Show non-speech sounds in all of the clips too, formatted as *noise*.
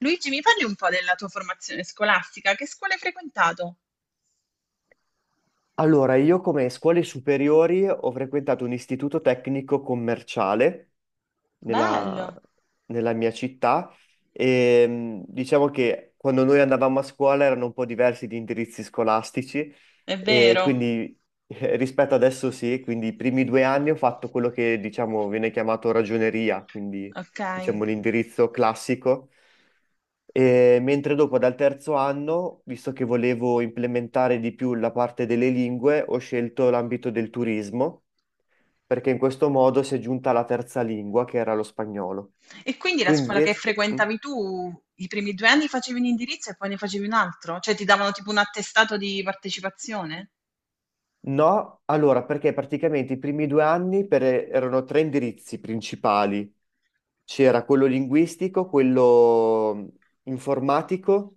Luigi, mi parli un po' della tua formazione scolastica? Che scuola hai frequentato? Allora, io come scuole superiori ho frequentato un istituto tecnico commerciale nella, Bello, nella mia città e diciamo che quando noi andavamo a scuola erano un po' diversi gli indirizzi scolastici è e vero. quindi rispetto adesso sì, quindi i primi due anni ho fatto quello che diciamo viene chiamato ragioneria, quindi Ok. diciamo l'indirizzo classico. E mentre dopo dal terzo anno, visto che volevo implementare di più la parte delle lingue, ho scelto l'ambito del turismo perché in questo modo si è giunta alla terza lingua, che era lo spagnolo. E quindi la Tu scuola che invece? Mm? frequentavi tu, i primi due anni facevi un indirizzo e poi ne facevi un altro? Cioè ti davano tipo un attestato di partecipazione? No, allora, perché praticamente i primi due anni erano tre indirizzi principali. C'era quello linguistico, quello informatico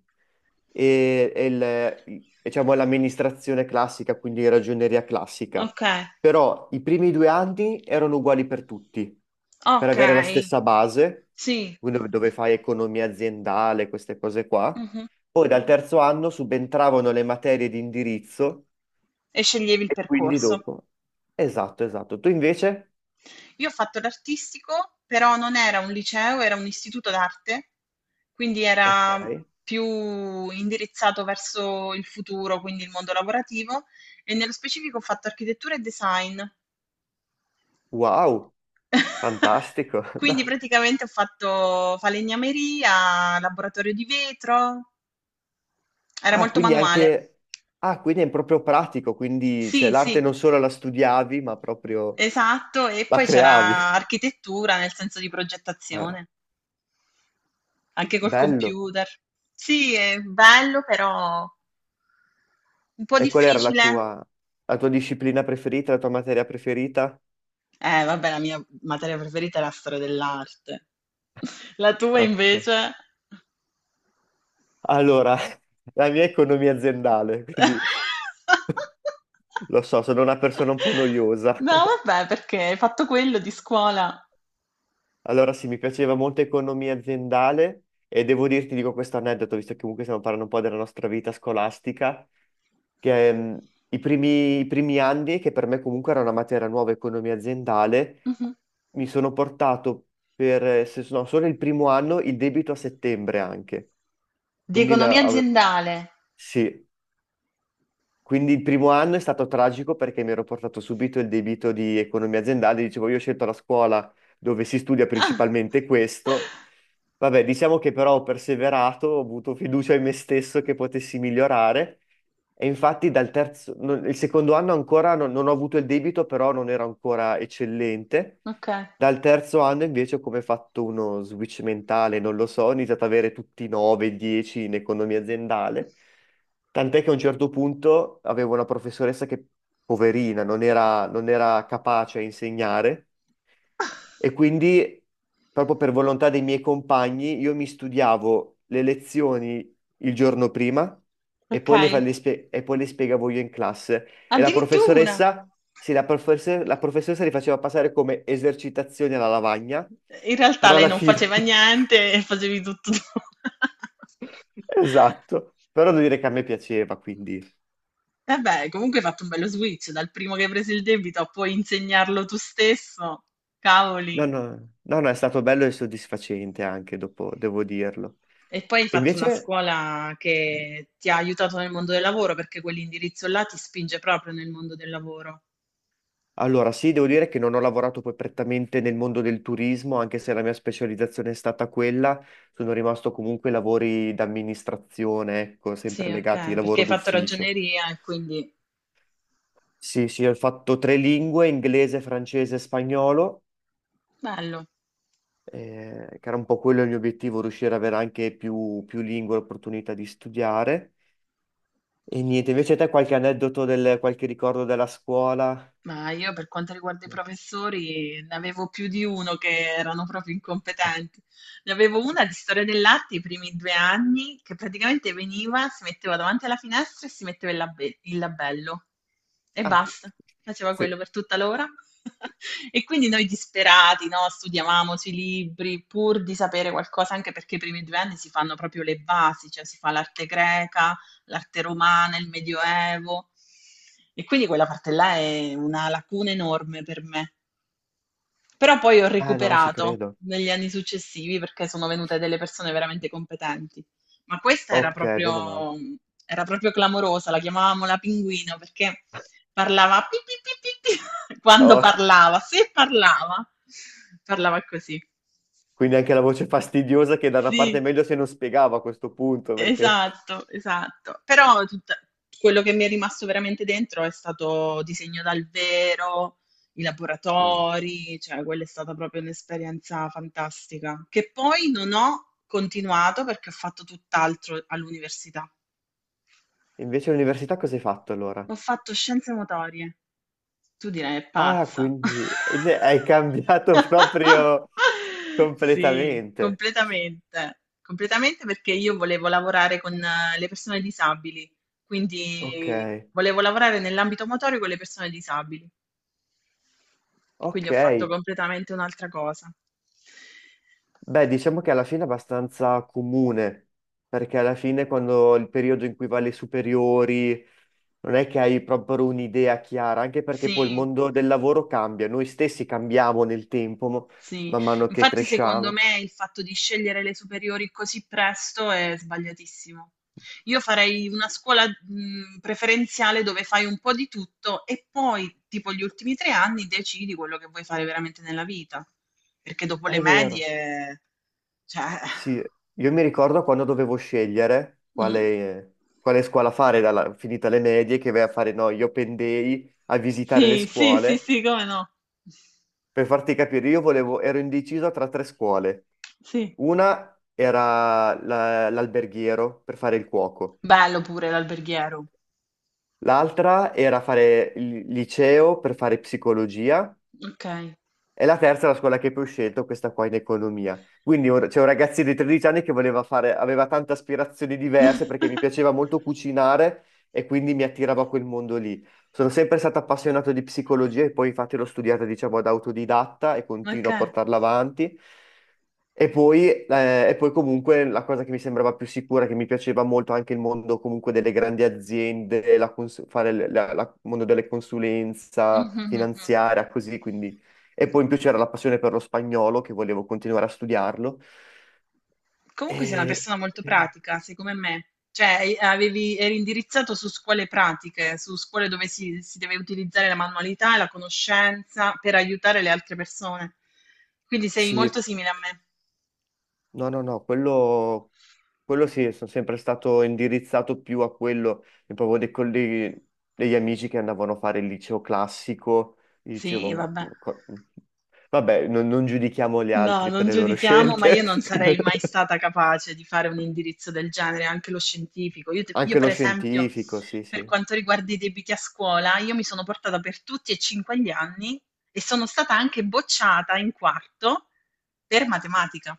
diciamo, l'amministrazione classica, quindi ragioneria classica. Ok, Però i primi due anni erano uguali per tutti, per avere la ok, stessa base, sì. quindi dove fai economia aziendale, queste cose qua. Mhm. Poi dal terzo anno subentravano le materie di indirizzo E sceglievi il e quindi percorso. dopo. Esatto, esatto. Tu invece? Io ho fatto l'artistico, però non era un liceo, era un istituto d'arte, quindi Ok. era più indirizzato verso il futuro, quindi il mondo lavorativo, e nello specifico ho fatto architettura e design. Wow, *laughs* fantastico. *laughs* Quindi No. praticamente ho fatto falegnameria, laboratorio di vetro, era Ah, molto quindi manuale. anche... Ah, quindi è proprio pratico, quindi cioè, Sì, l'arte sì, non solo la studiavi, ma proprio esatto, e la poi creavi. c'era architettura nel senso di Ah, progettazione. Anche col bello. computer. Sì, è bello, però un po' E qual era difficile. La tua disciplina preferita, la tua materia preferita? Vabbè, la mia materia preferita è la storia dell'arte. *laughs* La tua Ok. invece? Allora, *laughs* la mia è economia aziendale, quindi *laughs* lo so, sono una persona un po' noiosa. No, vabbè, perché hai fatto quello di scuola. Allora sì, mi piaceva molto economia aziendale e devo dirti, dico questo aneddoto, visto che comunque stiamo parlando un po' della nostra vita scolastica, che i primi anni, che per me comunque era una materia nuova, economia aziendale, Mhm. mi sono portato per, se, no, solo il primo anno, il debito a settembre anche. Di Quindi la, economia ave- aziendale. sì, quindi il primo anno è stato tragico perché mi ero portato subito il debito di economia aziendale, dicevo io ho scelto la scuola dove si studia Ah. principalmente questo. Vabbè, diciamo che però ho perseverato, ho avuto fiducia in me stesso che potessi migliorare e infatti dal terzo, non- il secondo anno ancora non ho avuto il debito, però non ero ancora eccellente. Ok. Dal terzo anno invece ho come fatto uno switch mentale, non lo so, ho iniziato ad avere tutti 9, 10 in economia aziendale, tant'è che a un certo punto avevo una professoressa che, poverina, non era capace a insegnare e quindi proprio per volontà dei miei compagni io mi studiavo le lezioni il giorno prima e Ok. poi le spiegavo io in classe. E la Addirittura. professoressa, sì, la professoressa li faceva passare come esercitazioni alla lavagna, In realtà però lei alla non fine, faceva niente e facevi tutto tu. *laughs* esatto, *laughs* però devo dire che a me piaceva, quindi Eh beh, comunque hai fatto un bello switch, dal primo che hai preso il debito a poi insegnarlo tu stesso, no, cavoli. no, no, no, è stato bello e soddisfacente anche dopo, devo dirlo. E poi hai E fatto una invece, scuola che ti ha aiutato nel mondo del lavoro, perché quell'indirizzo là ti spinge proprio nel mondo del lavoro. allora sì, devo dire che non ho lavorato poi prettamente nel mondo del turismo, anche se la mia specializzazione è stata quella, sono rimasto comunque ai lavori d'amministrazione, ecco, sempre Sì, legati al ok, perché lavoro hai fatto d'ufficio. ragioneria e quindi Sì, sì, ho fatto tre lingue, inglese, francese e spagnolo, bello. Che era un po' quello il mio obiettivo, riuscire ad avere anche più lingue, l'opportunità di studiare. E niente, invece te qualche aneddoto, qualche ricordo della scuola? Ma io per quanto riguarda i professori ne avevo più di uno che erano proprio incompetenti. Ne avevo una di storia dell'arte i primi due anni che praticamente veniva, si metteva davanti alla finestra e si metteva il, il labello e Ah, basta, faceva quello sì. per tutta l'ora. *laughs* E quindi noi disperati, no? Studiavamo sui libri pur di sapere qualcosa, anche perché i primi due anni si fanno proprio le basi, cioè si fa l'arte greca, l'arte romana, il Medioevo. E quindi quella parte là è una lacuna enorme per me. Però poi ho Ah no, ci recuperato credo. negli anni successivi perché sono venute delle persone veramente competenti. Ma questa Ok, meno male. Era proprio clamorosa, la chiamavamo la pinguino perché parlava pi, pi, pi, pi, pi, *laughs* quando Oh, parlava, se parlava, parlava così. quindi anche la voce fastidiosa che da una parte è Sì. meglio se non spiegava a questo punto, perché... Esatto, esatto. Però tutta quello che mi è rimasto veramente dentro è stato disegno dal vero, i Mm. laboratori, cioè quella è stata proprio un'esperienza fantastica, che poi non ho continuato perché ho fatto tutt'altro all'università. Invece all'università cosa hai fatto allora? Ho fatto scienze motorie. Tu direi: "È Ah, pazza". quindi hai cambiato *laughs* *laughs* proprio Sì, completamente. completamente. Completamente perché io volevo lavorare con le persone disabili, Ok, quindi volevo lavorare nell'ambito motorio con le persone disabili, ok. quindi ho fatto completamente un'altra cosa. Beh, diciamo che alla fine è abbastanza comune, perché alla fine quando il periodo in cui vai alle superiori non è che hai proprio un'idea chiara, anche perché poi il Sì. mondo del lavoro cambia, noi stessi cambiamo nel tempo, Sì, man mano che infatti secondo cresciamo. me il fatto di scegliere le superiori così presto è sbagliatissimo. Io farei una scuola, preferenziale dove fai un po' di tutto e poi, tipo gli ultimi tre anni, decidi quello che vuoi fare veramente nella vita. Perché dopo le È vero. medie, cioè... Sì, io mi ricordo quando dovevo scegliere Mm. Quale scuola fare, finita le medie, che vai a fare, no, io pendei a visitare le Sì, sì, sì, scuole. sì, come no? Per farti capire, io volevo, ero indeciso tra tre scuole. Sì. Una era l'alberghiero per fare il cuoco, Bello pure l'alberghiero. l'altra era fare il liceo per fare psicologia. Ok. E la terza è la scuola che poi ho scelto, questa qua in economia. Quindi c'è un ragazzino di 13 anni che voleva fare, aveva tante aspirazioni diverse perché mi *laughs* piaceva molto cucinare e quindi mi attirava quel mondo lì. Sono sempre stato appassionato di psicologia e poi infatti l'ho studiata, diciamo, ad autodidatta e Ok. continuo a portarla avanti. E poi comunque la cosa che mi sembrava più sicura, che mi piaceva molto anche il mondo comunque delle grandi aziende, fare il mondo delle consulenza Mhm, mhm, mhm. finanziaria, così, quindi e poi in più c'era la passione per lo spagnolo, che volevo continuare a studiarlo. Comunque sei una E persona molto quindi- pratica, sei come me, cioè eri indirizzato su scuole pratiche, su scuole dove si deve utilizzare la manualità e la conoscenza per aiutare le altre persone. Quindi sei molto sì, simile a me. no, no, no, quello sì, sono sempre stato indirizzato più a quello, e proprio dei colleghi, degli amici che andavano a fare il liceo classico, gli dicevo, Sì, vabbè. Vabbè, non giudichiamo gli No, altri per non le loro giudichiamo, ma io scelte. non *laughs* sarei mai stata capace di fare un indirizzo del genere, anche lo scientifico. Io, Anche lo per esempio, scientifico, sì, per sì. quanto riguarda i debiti a scuola, io mi sono portata per tutti e cinque gli anni e sono stata anche bocciata in quarto per matematica.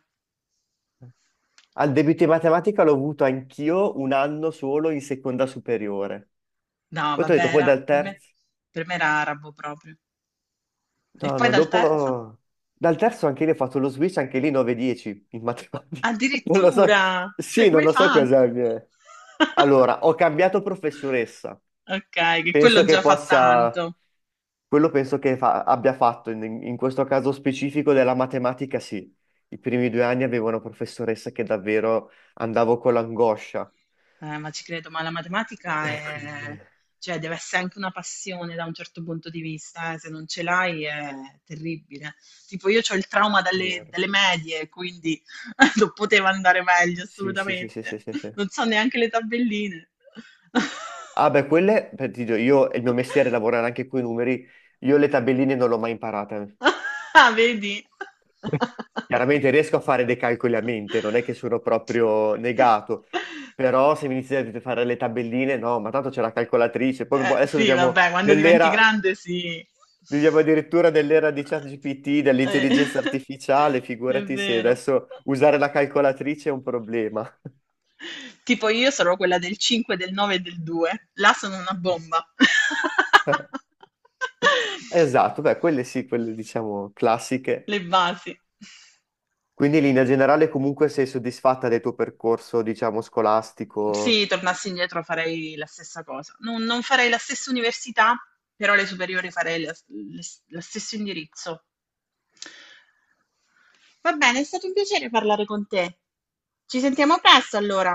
Al debito in matematica l'ho avuto anch'io un anno solo in seconda superiore. No, Poi ti ho vabbè, detto, poi era, dal terzo. per me era arabo proprio. E No, poi no, dal terzo? dopo... Dal terzo anche lì ho fatto lo switch, anche lì 9-10 in matematica. *laughs* Non lo so. Addirittura! Cioè, Sì, come non hai lo so cosa fatto? mi è. *laughs* Allora, ho cambiato professoressa. Ok, che Penso quello che già fa possa... tanto. Quello penso che abbia fatto, in questo caso specifico della matematica, sì. I primi due anni avevo una professoressa che davvero andavo con l'angoscia. Ma ci credo, ma E quindi... È cioè, deve essere anche una passione da un certo punto di vista, eh. Se non ce l'hai è terribile. Tipo, io ho il trauma vero. dalle medie, quindi *laughs* non poteva andare meglio, Sì, sì, sì, sì, sì, assolutamente. sì, sì. Non so neanche le tabelline. Ah beh, quelle, *laughs* per ti dico, io, il mio mestiere è lavorare anche con i numeri, io le tabelline non l'ho mai imparate. Ah, vedi? Chiaramente riesco a fare dei calcoli a mente, non è che sono proprio negato, però se mi iniziate a fare le tabelline, no, ma tanto c'è la calcolatrice, poi boh, adesso Sì, viviamo vabbè, quando diventi nell'era, grande, sì. viviamo addirittura nell'era di ChatGPT, Eh, dell'intelligenza *laughs* artificiale, è figurati se vero. adesso usare la calcolatrice è un problema. Tipo io sarò quella del 5, del 9 e del 2. Là sono una bomba. *laughs* Esatto, beh, quelle sì, quelle diciamo classiche. Le basi. Quindi in linea generale comunque sei soddisfatta del tuo percorso, diciamo, scolastico? Sì, tornassi indietro farei la stessa cosa. Non farei la stessa università, però le superiori lo stesso indirizzo. Va bene, è stato un piacere parlare con te. Ci sentiamo presto allora.